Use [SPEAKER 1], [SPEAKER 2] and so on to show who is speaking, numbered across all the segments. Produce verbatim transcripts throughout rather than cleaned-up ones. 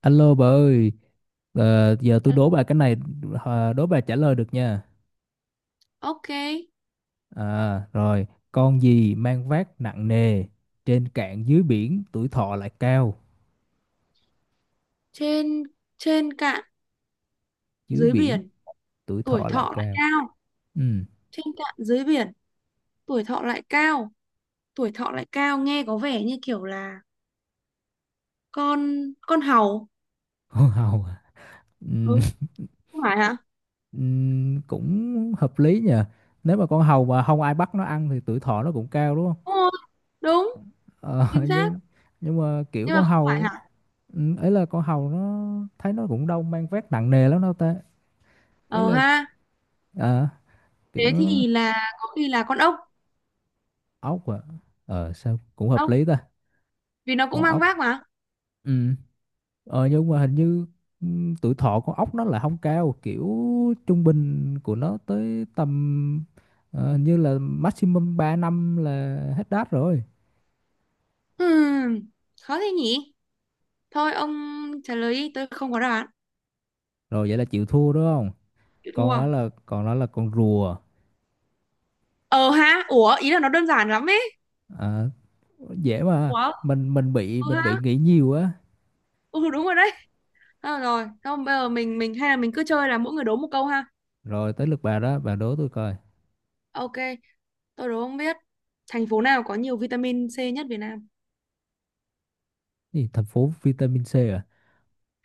[SPEAKER 1] Alo bà ơi, ờ, giờ tôi đố bà cái này, ờ, đố bà trả lời được nha.
[SPEAKER 2] Ok,
[SPEAKER 1] À, rồi, con gì mang vác nặng nề, trên cạn dưới biển, tuổi thọ lại cao.
[SPEAKER 2] trên trên cạn
[SPEAKER 1] Dưới
[SPEAKER 2] dưới
[SPEAKER 1] biển,
[SPEAKER 2] biển,
[SPEAKER 1] tuổi
[SPEAKER 2] tuổi
[SPEAKER 1] thọ lại
[SPEAKER 2] thọ lại
[SPEAKER 1] cao.
[SPEAKER 2] cao.
[SPEAKER 1] Ừ,
[SPEAKER 2] Trên cạn dưới biển, tuổi thọ lại cao. Tuổi thọ lại cao nghe có vẻ như kiểu là con con hầu.
[SPEAKER 1] con hầu à? Ừ,
[SPEAKER 2] Ừ, không phải hả?
[SPEAKER 1] ừ, cũng hợp lý nha. Nếu mà con hầu mà không ai bắt nó ăn thì tuổi thọ nó cũng cao đúng không?
[SPEAKER 2] Đúng rồi, đúng,
[SPEAKER 1] Ờ,
[SPEAKER 2] chính xác.
[SPEAKER 1] nhưng nhưng mà kiểu
[SPEAKER 2] Nhưng mà
[SPEAKER 1] con
[SPEAKER 2] không phải
[SPEAKER 1] hầu,
[SPEAKER 2] hả?
[SPEAKER 1] ừ, ấy là con hầu nó thấy nó cũng đâu mang vác nặng nề lắm đâu ta. Ý
[SPEAKER 2] Ờ
[SPEAKER 1] là,
[SPEAKER 2] ha,
[SPEAKER 1] à, kiểu
[SPEAKER 2] thế thì là có khi là con ốc.
[SPEAKER 1] ốc à, ờ sao cũng hợp
[SPEAKER 2] Ốc,
[SPEAKER 1] lý ta,
[SPEAKER 2] vì nó cũng
[SPEAKER 1] con
[SPEAKER 2] mang
[SPEAKER 1] ốc.
[SPEAKER 2] vác mà.
[SPEAKER 1] ừ ờ nhưng mà hình như ừ, tuổi thọ con ốc nó là không cao, kiểu trung bình của nó tới tầm ờ, hình như là maximum ba năm là hết đát rồi.
[SPEAKER 2] Hmm, khó thế nhỉ? Thôi ông trả lời đi, tôi không có đáp án.
[SPEAKER 1] Rồi vậy là chịu thua đúng không?
[SPEAKER 2] Chịu
[SPEAKER 1] còn
[SPEAKER 2] thua.
[SPEAKER 1] đó là còn đó là con rùa.
[SPEAKER 2] Ờ ha, ủa, ý là nó đơn giản lắm ấy.
[SPEAKER 1] Ờ, dễ mà
[SPEAKER 2] Ủa,
[SPEAKER 1] mình mình bị
[SPEAKER 2] ờ
[SPEAKER 1] mình
[SPEAKER 2] ha.
[SPEAKER 1] bị nghĩ nhiều á.
[SPEAKER 2] Ừ đúng rồi đấy. Ờ, rồi, không bây giờ mình mình hay là mình cứ chơi là mỗi người đố một câu ha.
[SPEAKER 1] Rồi tới lượt bà đó, bà đố tôi coi.
[SPEAKER 2] Ok, tôi đố không biết. Thành phố nào có nhiều vitamin C nhất Việt Nam?
[SPEAKER 1] Gì? Thành phố vitamin C à?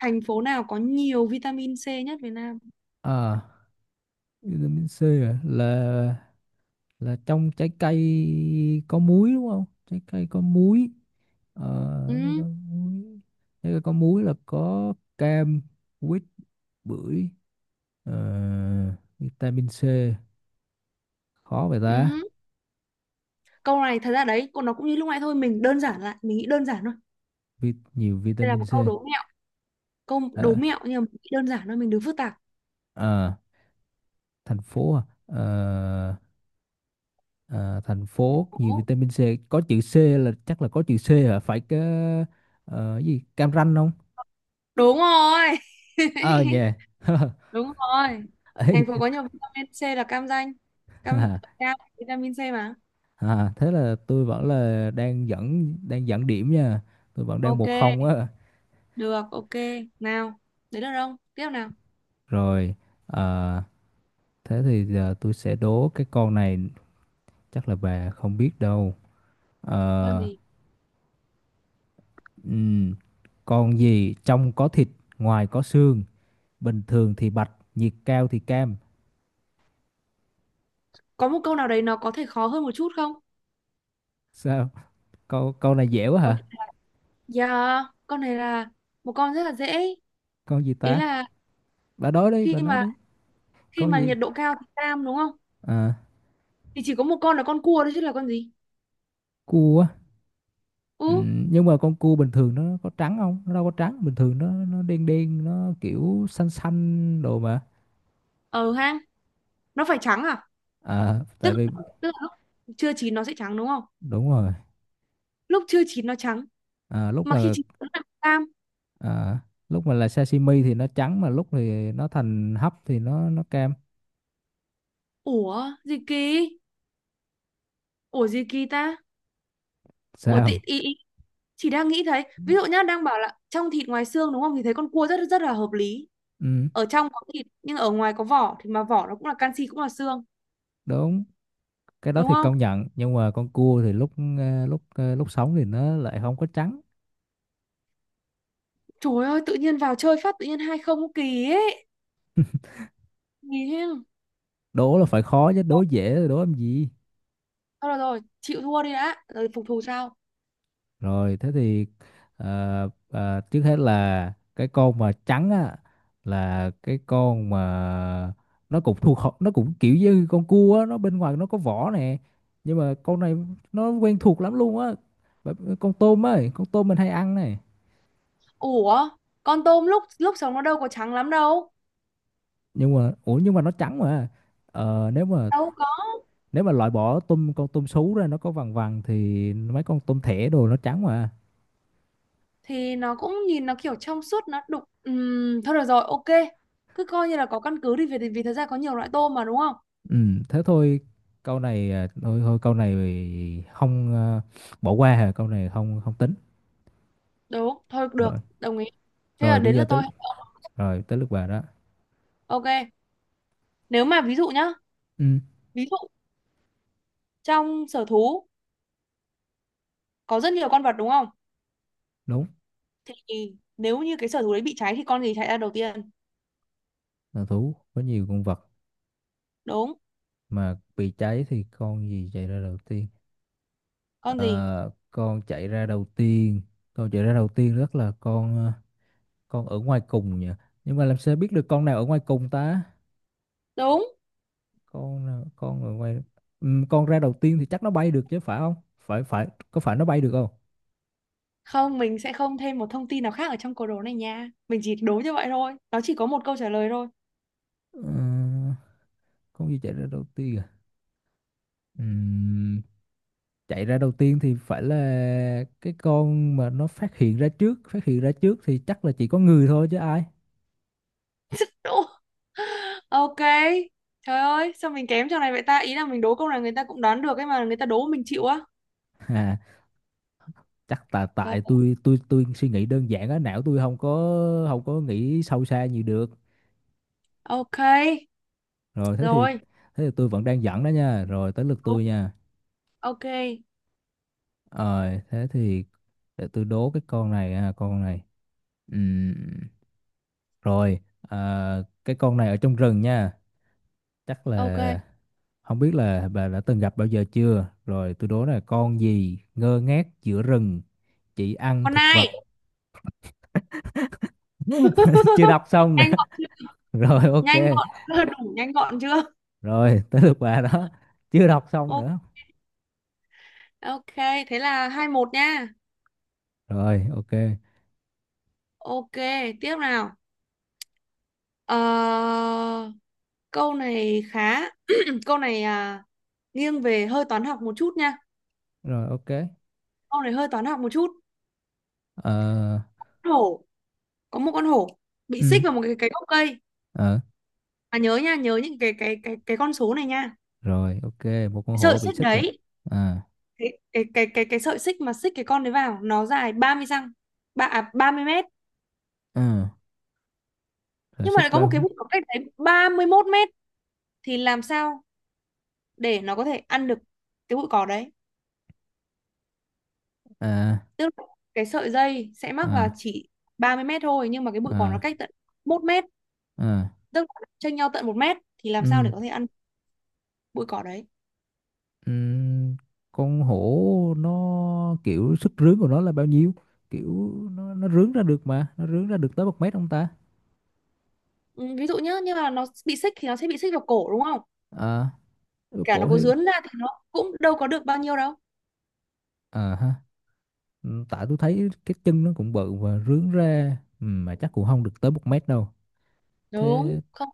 [SPEAKER 2] Thành phố nào có nhiều vitamin C nhất Việt Nam?
[SPEAKER 1] À, vitamin C à? Là là trong trái cây có muối đúng không? Trái cây có muối. ờ, trái cây có
[SPEAKER 2] Ừ,
[SPEAKER 1] muối Trái cây có muối là có cam, quýt, bưởi. Ờ, vitamin C khó vậy ta.
[SPEAKER 2] ừ. Câu này thật ra đấy, còn nó cũng như lúc nãy thôi, mình đơn giản lại, mình nghĩ đơn giản thôi.
[SPEAKER 1] Vi- nhiều
[SPEAKER 2] Đây là
[SPEAKER 1] vitamin
[SPEAKER 2] một
[SPEAKER 1] C.
[SPEAKER 2] câu đố mẹo, câu đố
[SPEAKER 1] Ờ,
[SPEAKER 2] mẹo nhưng mà mình nghĩ đơn giản thôi, mình đừng phức tạp.
[SPEAKER 1] ờ, Thành phố à? Ờ, ờ, Thành phố nhiều
[SPEAKER 2] Đố.
[SPEAKER 1] vitamin C. Có chữ C, là chắc là có chữ C hả? Phải cái ờ, gì, Cam Ranh không?
[SPEAKER 2] Đúng rồi.
[SPEAKER 1] Ờ nhè.
[SPEAKER 2] Đúng rồi.
[SPEAKER 1] Ấy,
[SPEAKER 2] Thành phố có nhiều vitamin C là cam Ranh. Cam cam vitamin C mà.
[SPEAKER 1] à, thế là tôi vẫn là đang dẫn đang dẫn điểm nha. Tôi vẫn đang
[SPEAKER 2] Ok.
[SPEAKER 1] một không á.
[SPEAKER 2] Được, ok. Nào, đấy được không? Tiếp nào.
[SPEAKER 1] Rồi, à, thế thì giờ tôi sẽ đố cái con này, chắc là bà không biết đâu.
[SPEAKER 2] Con
[SPEAKER 1] Ờ,
[SPEAKER 2] gì?
[SPEAKER 1] ừm, con gì trong có thịt, ngoài có xương, bình thường thì bạch, nhiệt cao thì cam?
[SPEAKER 2] Có một câu nào đấy nó có thể khó hơn một chút không?
[SPEAKER 1] Sao? Câu câu này dễ quá
[SPEAKER 2] Câu
[SPEAKER 1] hả?
[SPEAKER 2] trả lời- Dạ, con này là một con rất là dễ.
[SPEAKER 1] Con gì
[SPEAKER 2] Ý
[SPEAKER 1] ta?
[SPEAKER 2] là
[SPEAKER 1] Bà nói đi,
[SPEAKER 2] khi
[SPEAKER 1] bà nói
[SPEAKER 2] mà
[SPEAKER 1] đi.
[SPEAKER 2] khi
[SPEAKER 1] Con
[SPEAKER 2] mà
[SPEAKER 1] gì?
[SPEAKER 2] nhiệt độ cao thì cam đúng không?
[SPEAKER 1] À,
[SPEAKER 2] Thì chỉ có một con là con cua thôi chứ là con gì?
[SPEAKER 1] cua. Ừ,
[SPEAKER 2] Ừ,
[SPEAKER 1] nhưng mà con cua bình thường nó có trắng không? Nó đâu có trắng, bình thường nó nó đen đen, nó kiểu xanh xanh đồ mà.
[SPEAKER 2] ở hang. Nó phải trắng à?
[SPEAKER 1] À, tại
[SPEAKER 2] Tức
[SPEAKER 1] vì
[SPEAKER 2] tức là lúc chưa chín nó sẽ trắng đúng không?
[SPEAKER 1] đúng rồi.
[SPEAKER 2] Lúc chưa chín nó trắng,
[SPEAKER 1] À, lúc
[SPEAKER 2] mà khi
[SPEAKER 1] mà
[SPEAKER 2] chín nó là cam.
[SPEAKER 1] à, lúc mà là sashimi thì nó trắng, mà lúc thì nó thành hấp thì nó nó cam.
[SPEAKER 2] Ủa, gì kỳ? Ủa gì kỳ ta? Ủa tị
[SPEAKER 1] Sao?
[SPEAKER 2] ý, ý chị đang nghĩ thấy, ví dụ nhá, đang bảo là trong thịt ngoài xương đúng không? Thì thấy con cua rất rất là hợp lý.
[SPEAKER 1] Ừ,
[SPEAKER 2] Ở trong có thịt nhưng ở ngoài có vỏ thì mà vỏ nó cũng là canxi cũng là xương,
[SPEAKER 1] đúng. Cái đó
[SPEAKER 2] đúng
[SPEAKER 1] thì
[SPEAKER 2] không?
[SPEAKER 1] công nhận, nhưng mà con cua thì lúc ờ, lúc ờ, lúc sống thì nó lại không có trắng.
[SPEAKER 2] Trời ơi, tự nhiên vào chơi phát tự nhiên hai không kỳ ấy. Nhìn thế.
[SPEAKER 1] Đố là phải khó chứ, đố dễ rồi đố làm gì?
[SPEAKER 2] Thôi rồi rồi, chịu thua đi đã, rồi phục thù sau.
[SPEAKER 1] Rồi thế thì ờ, ờ, trước hết là cái con mà trắng á, là cái con mà nó cũng thuộc họ- nó cũng kiểu như con cua á, nó bên ngoài nó có vỏ nè. Nhưng mà con này nó quen thuộc lắm luôn á. Bởi- ờ, Con tôm ấy, con tôm mình hay ăn này.
[SPEAKER 2] Ủa, con tôm lúc lúc sống nó đâu có trắng lắm đâu.
[SPEAKER 1] Nhưng mà ủa nhưng mà nó trắng mà. Ờ, nếu mà
[SPEAKER 2] Đâu có.
[SPEAKER 1] nếu mà loại bỏ tôm, con tôm sú ra nó có vằn vằn thì mấy con tôm thẻ đồ nó trắng mà.
[SPEAKER 2] Thì nó cũng nhìn nó kiểu trong suốt nó đục. Ừm, thôi được rồi, ok. Cứ coi như là có căn cứ đi vì vì thật ra có nhiều loại tôm mà đúng không?
[SPEAKER 1] Ừ, thế thôi, câu này à, thôi thôi câu này không à, bỏ qua hả? Câu này không không tính.
[SPEAKER 2] Đúng, thôi được,
[SPEAKER 1] rồi
[SPEAKER 2] đồng ý. Thế là
[SPEAKER 1] rồi bây
[SPEAKER 2] đến
[SPEAKER 1] giờ
[SPEAKER 2] lượt
[SPEAKER 1] tới,
[SPEAKER 2] tôi.
[SPEAKER 1] rồi tới lượt bà đó.
[SPEAKER 2] Ok, nếu mà ví dụ nhá,
[SPEAKER 1] Ừ,
[SPEAKER 2] ví dụ trong sở thú có rất nhiều con vật đúng không?
[SPEAKER 1] đúng
[SPEAKER 2] Thì nếu như cái sở thú đấy bị cháy thì con gì chạy ra đầu tiên?
[SPEAKER 1] là thú có nhiều con vật
[SPEAKER 2] Đúng,
[SPEAKER 1] mà bị cháy thì con gì chạy ra đầu tiên?
[SPEAKER 2] con gì?
[SPEAKER 1] Ờ, con chạy ra đầu tiên con chạy ra đầu tiên rất là con à, con ở ngoài cùng nhỉ, nhưng mà làm sao biết được con nào ở ngoài cùng ta?
[SPEAKER 2] Đúng.
[SPEAKER 1] Con nào- con ở ngoài. Ừ, con ra đầu tiên thì chắc nó bay được chứ phải không? Phải phải có phải nó bay được không?
[SPEAKER 2] Không, mình sẽ không thêm một thông tin nào khác ở trong câu đố này nha. Mình chỉ đố như vậy thôi. Nó chỉ có một câu trả lời thôi.
[SPEAKER 1] Ừ, con gì chạy ra đầu tiên à? Ừm, Chạy ra đầu tiên thì phải là cái con mà nó phát hiện ra trước phát hiện ra trước thì chắc là chỉ có người thôi chứ ai.
[SPEAKER 2] Đúng. Ok. Trời ơi, sao mình kém trong này vậy ta? Ý là mình đố câu này người ta cũng đoán được ấy mà người ta đố mình chịu á.
[SPEAKER 1] À, chắc là
[SPEAKER 2] Rồi.
[SPEAKER 1] tại tôi tôi tôi suy nghĩ đơn giản á, não tôi không có không có nghĩ sâu xa nhiều được.
[SPEAKER 2] Ok.
[SPEAKER 1] Rồi thế thì
[SPEAKER 2] Rồi.
[SPEAKER 1] thế thì tôi vẫn đang dẫn đó nha. Rồi tới lượt
[SPEAKER 2] Đúng.
[SPEAKER 1] tôi nha.
[SPEAKER 2] Ok.
[SPEAKER 1] Rồi thế thì để tôi đố cái con này ha, con này. Ừm, Rồi, à, cái con này ở trong rừng nha, chắc
[SPEAKER 2] Ok.
[SPEAKER 1] là... Không biết là bà đã từng gặp bao giờ chưa? Rồi tôi đố là con gì ngơ ngác giữa rừng, chỉ ăn
[SPEAKER 2] Con
[SPEAKER 1] thực
[SPEAKER 2] ai?
[SPEAKER 1] vật. Chưa đọc xong nữa.
[SPEAKER 2] Nhanh gọn chưa?
[SPEAKER 1] Rồi ok.
[SPEAKER 2] Nhanh gọn chưa? Đủ nhanh gọn chưa?
[SPEAKER 1] Rồi tới lượt bà đó. Chưa đọc xong
[SPEAKER 2] Ok,
[SPEAKER 1] nữa.
[SPEAKER 2] ok, thế là hai một nha.
[SPEAKER 1] Rồi ok.
[SPEAKER 2] Ok, tiếp nào. Ờ, câu này khá câu này à, nghiêng về hơi toán học một chút nha.
[SPEAKER 1] Rồi ok.
[SPEAKER 2] Câu này hơi toán học một chút.
[SPEAKER 1] Ờ
[SPEAKER 2] Hổ, có một con hổ bị xích
[SPEAKER 1] ừ
[SPEAKER 2] vào một cái cái gốc cây.
[SPEAKER 1] ờ
[SPEAKER 2] Mà nhớ nha, nhớ những cái cái cái cái con số này nha.
[SPEAKER 1] Rồi ok, một con hổ
[SPEAKER 2] Sợi
[SPEAKER 1] bị
[SPEAKER 2] xích
[SPEAKER 1] xích rồi.
[SPEAKER 2] đấy,
[SPEAKER 1] À
[SPEAKER 2] cái cái cái cái, cái sợi xích mà xích cái con đấy vào nó dài ba mươi răng. Ba à, ba mươi mét,
[SPEAKER 1] ừ, rồi
[SPEAKER 2] nhưng mà
[SPEAKER 1] xích
[SPEAKER 2] lại có một
[SPEAKER 1] bao
[SPEAKER 2] cái
[SPEAKER 1] nhiêu?
[SPEAKER 2] bụi cỏ cách đấy ba mươi mốt mét thì làm sao để nó có thể ăn được cái bụi cỏ đấy,
[SPEAKER 1] À,
[SPEAKER 2] tức là cái sợi dây sẽ mắc vào
[SPEAKER 1] à,
[SPEAKER 2] chỉ ba mươi mét thôi, nhưng mà cái bụi cỏ nó
[SPEAKER 1] à,
[SPEAKER 2] cách tận một mét,
[SPEAKER 1] à.
[SPEAKER 2] tức là chênh nhau tận một mét thì làm sao
[SPEAKER 1] Ừ.
[SPEAKER 2] để có thể ăn bụi cỏ đấy.
[SPEAKER 1] Ừm, con hổ nó kiểu sức rướn của nó là bao nhiêu? Kiểu nó nó rướn ra được, mà nó rướn ra được tới một mét không ta?
[SPEAKER 2] Ừ, ví dụ nhá, như là nó bị xích thì nó sẽ bị xích vào cổ đúng không,
[SPEAKER 1] À,
[SPEAKER 2] cả nó
[SPEAKER 1] cổ
[SPEAKER 2] có
[SPEAKER 1] thì...
[SPEAKER 2] dướn ra thì nó cũng đâu có được bao nhiêu đâu
[SPEAKER 1] à ha. Ừm, tại tôi thấy cái chân nó cũng bự và rướn ra. Ừm, mà chắc cũng không được tới một mét đâu.
[SPEAKER 2] đúng
[SPEAKER 1] Thế
[SPEAKER 2] không.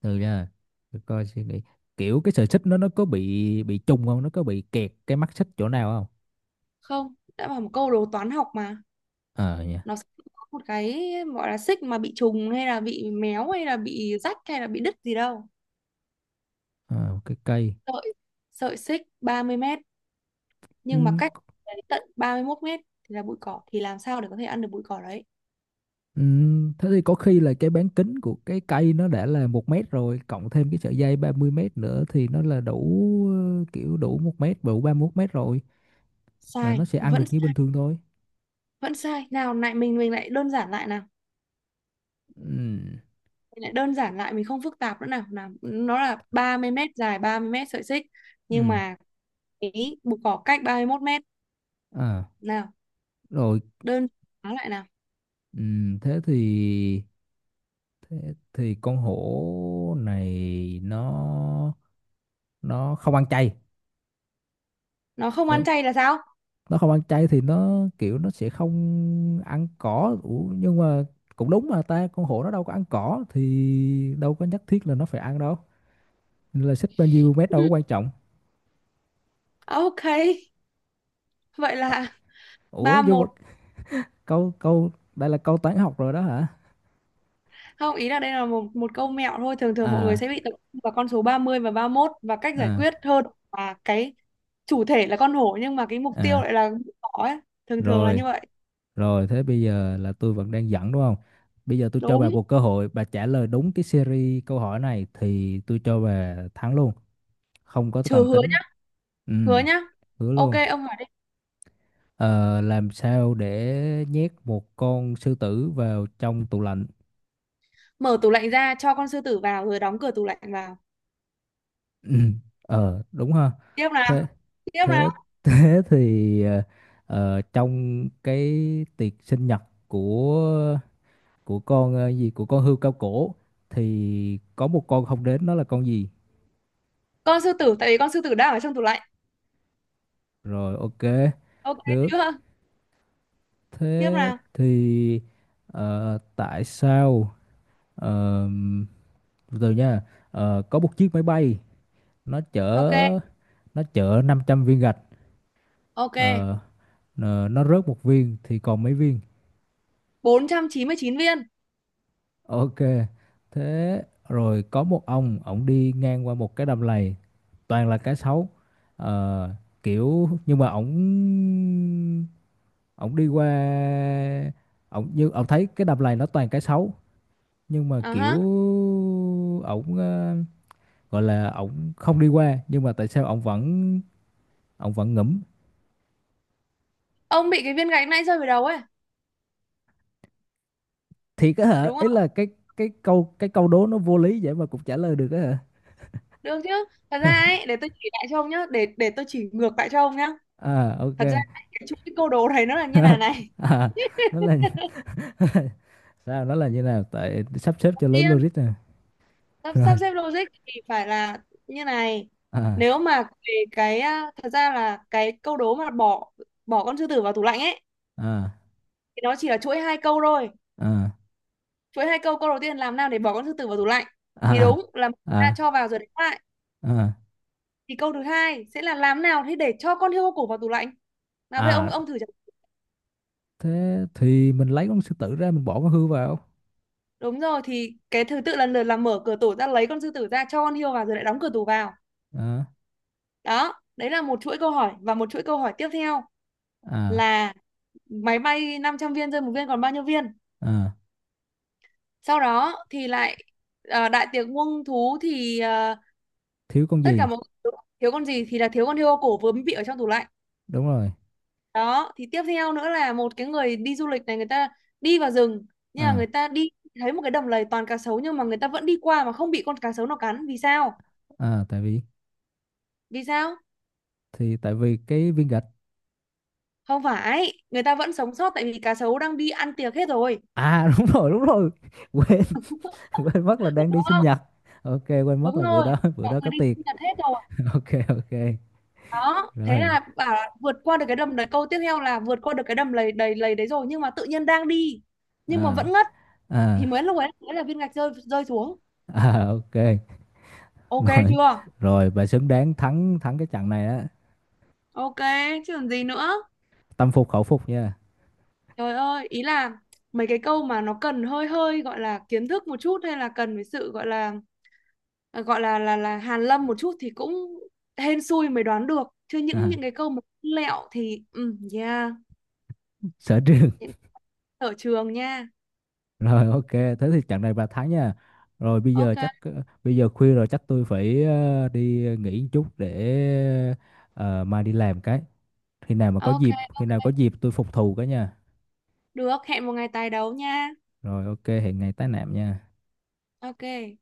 [SPEAKER 1] từ nha, để coi suy nghĩ, kiểu cái sợi xích nó nó có bị bị trùng không, nó có bị kẹt cái mắt xích chỗ nào không?
[SPEAKER 2] Không, đã bảo một câu đồ toán học mà,
[SPEAKER 1] Ờ nha.
[SPEAKER 2] nó sẽ có một cái gọi là xích mà bị trùng hay là bị méo hay là bị rách hay là bị đứt gì đâu.
[SPEAKER 1] Ờ, cái cây.
[SPEAKER 2] Sợi sợi xích ba mươi mét
[SPEAKER 1] Ừ,
[SPEAKER 2] nhưng mà cách đến tận ba mươi mốt mét thì là bụi cỏ, thì làm sao để có thể ăn được bụi cỏ đấy.
[SPEAKER 1] Ừ, thế thì có khi là cái bán kính của cái cây nó đã là một mét rồi, cộng thêm cái sợi dây ba mươi mét nữa thì nó là đủ, ờ, kiểu đủ một mét, đủ ba mươi mốt mét rồi. Là
[SPEAKER 2] Sai,
[SPEAKER 1] nó sẽ ăn được
[SPEAKER 2] vẫn
[SPEAKER 1] như bình
[SPEAKER 2] sai,
[SPEAKER 1] thường thôi.
[SPEAKER 2] vẫn sai nào. Lại mình mình lại đơn giản lại nào.
[SPEAKER 1] ừ,
[SPEAKER 2] Mình lại đơn giản lại, mình không phức tạp nữa nào. Nào, nó là ba mươi mét, dài ba mươi mét sợi xích, nhưng
[SPEAKER 1] ừ,
[SPEAKER 2] mà cái bụi cỏ cách ba mươi mốt mét
[SPEAKER 1] À,
[SPEAKER 2] nào.
[SPEAKER 1] rồi
[SPEAKER 2] Đơn giản lại nào.
[SPEAKER 1] ừ, thế thì thế thì con hổ này nó nó không ăn chay.
[SPEAKER 2] Nó không
[SPEAKER 1] Đấy,
[SPEAKER 2] ăn chay là sao?
[SPEAKER 1] nó không ăn chay thì nó kiểu nó sẽ không ăn cỏ. Ủa, nhưng mà cũng đúng mà ta, con hổ nó đâu có ăn cỏ thì đâu có nhất thiết là nó phải ăn đâu. Nên là xích bao nhiêu mét đâu
[SPEAKER 2] Ừ,
[SPEAKER 1] có quan trọng.
[SPEAKER 2] ok, vậy là
[SPEAKER 1] Ủa,
[SPEAKER 2] ba
[SPEAKER 1] nhưng mà
[SPEAKER 2] một
[SPEAKER 1] câu câu đây là câu toán học rồi đó hả?
[SPEAKER 2] Không, ý là đây là một một câu mẹo thôi, thường thường mọi người
[SPEAKER 1] À,
[SPEAKER 2] sẽ bị tập trung vào con số ba mươi và ba mốt và cách giải
[SPEAKER 1] à,
[SPEAKER 2] quyết hơn là cái chủ thể là con hổ, nhưng mà cái mục tiêu
[SPEAKER 1] à.
[SPEAKER 2] lại là con thỏ ấy, thường thường là
[SPEAKER 1] rồi
[SPEAKER 2] như vậy.
[SPEAKER 1] rồi thế bây giờ là tôi vẫn đang dẫn đúng không? Bây giờ tôi cho bà
[SPEAKER 2] Đúng,
[SPEAKER 1] một cơ hội, bà trả lời đúng cái series câu hỏi này thì tôi cho bà thắng luôn. Không có
[SPEAKER 2] trừ
[SPEAKER 1] cần
[SPEAKER 2] hứa
[SPEAKER 1] tính.
[SPEAKER 2] nhá,
[SPEAKER 1] Ừ.
[SPEAKER 2] hứa nhá.
[SPEAKER 1] Hứa
[SPEAKER 2] Ok,
[SPEAKER 1] luôn.
[SPEAKER 2] ông hỏi đi.
[SPEAKER 1] Ờ, làm sao để nhét một con sư tử vào trong tủ lạnh?
[SPEAKER 2] Mở tủ lạnh ra cho con sư tử vào rồi đóng cửa tủ lạnh vào.
[SPEAKER 1] Ừ. Ờ, đúng ha.
[SPEAKER 2] Tiếp nào,
[SPEAKER 1] Thế
[SPEAKER 2] tiếp nào.
[SPEAKER 1] thế thế thì ờ, ờ, trong cái tiệc sinh nhật của của con, ờ, gì của con hươu cao cổ thì có một con không đến, nó là con gì?
[SPEAKER 2] Con sư tử tại vì con sư tử đang ở trong tủ lạnh.
[SPEAKER 1] Rồi ok,
[SPEAKER 2] Ok
[SPEAKER 1] được.
[SPEAKER 2] chưa? Tiếp
[SPEAKER 1] Thế
[SPEAKER 2] nào.
[SPEAKER 1] thì ờ, tại sao? ờm, Từ từ nha. Ờ, có một chiếc máy bay nó
[SPEAKER 2] Ok,
[SPEAKER 1] chở nó chở năm trăm viên gạch.
[SPEAKER 2] ok.
[SPEAKER 1] ờ, ờ, nó rớt một viên thì còn mấy viên?
[SPEAKER 2] Bốn trăm chín mươi chín viên.
[SPEAKER 1] Ok thế. Rồi có một ông, ổng đi ngang qua một cái đầm lầy toàn là cá sấu. Ờ, kiểu nhưng mà ổng ổng đi qua, ổng như ổng thấy cái đầm lầy nó toàn cá sấu, nhưng mà
[SPEAKER 2] À
[SPEAKER 1] kiểu
[SPEAKER 2] ha.
[SPEAKER 1] ổng ờ, gọi là ổng không đi qua, nhưng mà tại sao ổng vẫn ổng vẫn ngẫm.
[SPEAKER 2] Ông bị cái viên gạch nãy rơi vào đầu ấy,
[SPEAKER 1] Thiệt á hả?
[SPEAKER 2] đúng
[SPEAKER 1] Ý
[SPEAKER 2] không?
[SPEAKER 1] là cái cái câu cái câu đố nó vô lý vậy mà cũng trả lời được á hả?
[SPEAKER 2] Được chứ? Thật ra ấy, để tôi chỉ lại cho ông nhá, để để tôi chỉ ngược lại cho ông nhá.
[SPEAKER 1] À ok.
[SPEAKER 2] Thật ra ấy, cái chuỗi câu đố này nó là như này này.
[SPEAKER 1] À, nó là sao nó là như nào tại sắp xếp cho lớn
[SPEAKER 2] Tiên,
[SPEAKER 1] logic nè.
[SPEAKER 2] sắp, sắp
[SPEAKER 1] Rồi.
[SPEAKER 2] xếp logic thì phải là như này.
[SPEAKER 1] À,
[SPEAKER 2] Nếu mà về cái à, thật ra là cái câu đố mà bỏ bỏ con sư tử vào tủ lạnh ấy
[SPEAKER 1] à,
[SPEAKER 2] thì nó chỉ là chuỗi hai câu thôi.
[SPEAKER 1] à,
[SPEAKER 2] Chuỗi hai câu, câu đầu tiên làm nào để bỏ con sư tử vào tủ lạnh thì
[SPEAKER 1] à,
[SPEAKER 2] đúng là chúng ta
[SPEAKER 1] à,
[SPEAKER 2] cho vào rồi đánh lại.
[SPEAKER 1] à,
[SPEAKER 2] Thì câu thứ hai sẽ là làm nào thế để cho con hươu cổ vào tủ lạnh. Nào bây giờ ông ông
[SPEAKER 1] à,
[SPEAKER 2] thử.
[SPEAKER 1] thế thì mình lấy con sư tử ra, mình bỏ con hươu vào.
[SPEAKER 2] Đúng rồi, thì cái thứ tự lần lượt là mở cửa tủ ra, lấy con sư tử ra, cho con hươu vào, rồi lại đóng cửa tủ vào.
[SPEAKER 1] À,
[SPEAKER 2] Đó, đấy là một chuỗi câu hỏi, và một chuỗi câu hỏi tiếp theo
[SPEAKER 1] à,
[SPEAKER 2] là máy bay năm trăm viên rơi một viên còn bao nhiêu viên.
[SPEAKER 1] à,
[SPEAKER 2] Sau đó thì lại ờ, đại tiệc muông thú thì ờ,
[SPEAKER 1] thiếu con
[SPEAKER 2] tất cả
[SPEAKER 1] gì.
[SPEAKER 2] mọi người thiếu con gì thì là thiếu con hươu cổ vướng bị ở trong tủ lạnh.
[SPEAKER 1] Đúng rồi.
[SPEAKER 2] Đó, thì tiếp theo nữa là một cái người đi du lịch này, người ta đi vào rừng, nhưng mà người
[SPEAKER 1] À,
[SPEAKER 2] ta đi thấy một cái đầm lầy toàn cá sấu, nhưng mà người ta vẫn đi qua mà không bị con cá sấu nào cắn, vì sao?
[SPEAKER 1] à, tại vì
[SPEAKER 2] Vì sao?
[SPEAKER 1] thì tại vì cái viên gạch.
[SPEAKER 2] Không phải, người ta vẫn sống sót tại vì cá sấu đang đi ăn tiệc hết rồi
[SPEAKER 1] À, đúng rồi, đúng rồi. Quên. Quên mất là
[SPEAKER 2] đúng
[SPEAKER 1] đang đi sinh
[SPEAKER 2] không.
[SPEAKER 1] nhật. Ok, quên mất
[SPEAKER 2] Đúng
[SPEAKER 1] là bữa
[SPEAKER 2] rồi,
[SPEAKER 1] đó bữa
[SPEAKER 2] mọi
[SPEAKER 1] đó
[SPEAKER 2] người
[SPEAKER 1] có
[SPEAKER 2] đi
[SPEAKER 1] tiệc.
[SPEAKER 2] sinh nhật hết rồi.
[SPEAKER 1] Ok, ok.
[SPEAKER 2] Đó, thế
[SPEAKER 1] Rồi.
[SPEAKER 2] là bảo là vượt qua được cái đầm đấy, câu tiếp theo là vượt qua được cái đầm lầy đầy lầy đấy rồi, nhưng mà tự nhiên đang đi nhưng mà
[SPEAKER 1] À,
[SPEAKER 2] vẫn ngất, thì
[SPEAKER 1] à,
[SPEAKER 2] mới lúc ấy mới là viên gạch rơi rơi xuống.
[SPEAKER 1] à, ok.
[SPEAKER 2] Ok
[SPEAKER 1] rồi
[SPEAKER 2] chưa?
[SPEAKER 1] rồi bà xứng đáng thắng, thắng cái trận này á.
[SPEAKER 2] Ok, chứ còn gì nữa.
[SPEAKER 1] Tâm phục khẩu phục nha.
[SPEAKER 2] Trời ơi, ý là mấy cái câu mà nó cần hơi hơi gọi là kiến thức một chút hay là cần phải sự gọi là ờ, gọi là là là hàn lâm một chút thì cũng hên xui mới đoán được, chứ những
[SPEAKER 1] À,
[SPEAKER 2] những cái câu mà lẹo thì ừ yeah.
[SPEAKER 1] sở trường.
[SPEAKER 2] Những ở trường nha.
[SPEAKER 1] Rồi ok, thế thì trận này bà thắng nha. Rồi bây giờ
[SPEAKER 2] Ok,
[SPEAKER 1] chắc ờ, bây giờ khuya rồi, chắc tôi phải ờ, đi nghỉ một chút để ờ, mai đi làm cái. Khi nào mà có
[SPEAKER 2] ok,
[SPEAKER 1] dịp khi nào có dịp tôi phục thù cái nha.
[SPEAKER 2] được, hẹn một ngày tài đấu nha.
[SPEAKER 1] Rồi ok, hẹn ngày tái nạm nha.
[SPEAKER 2] Ok.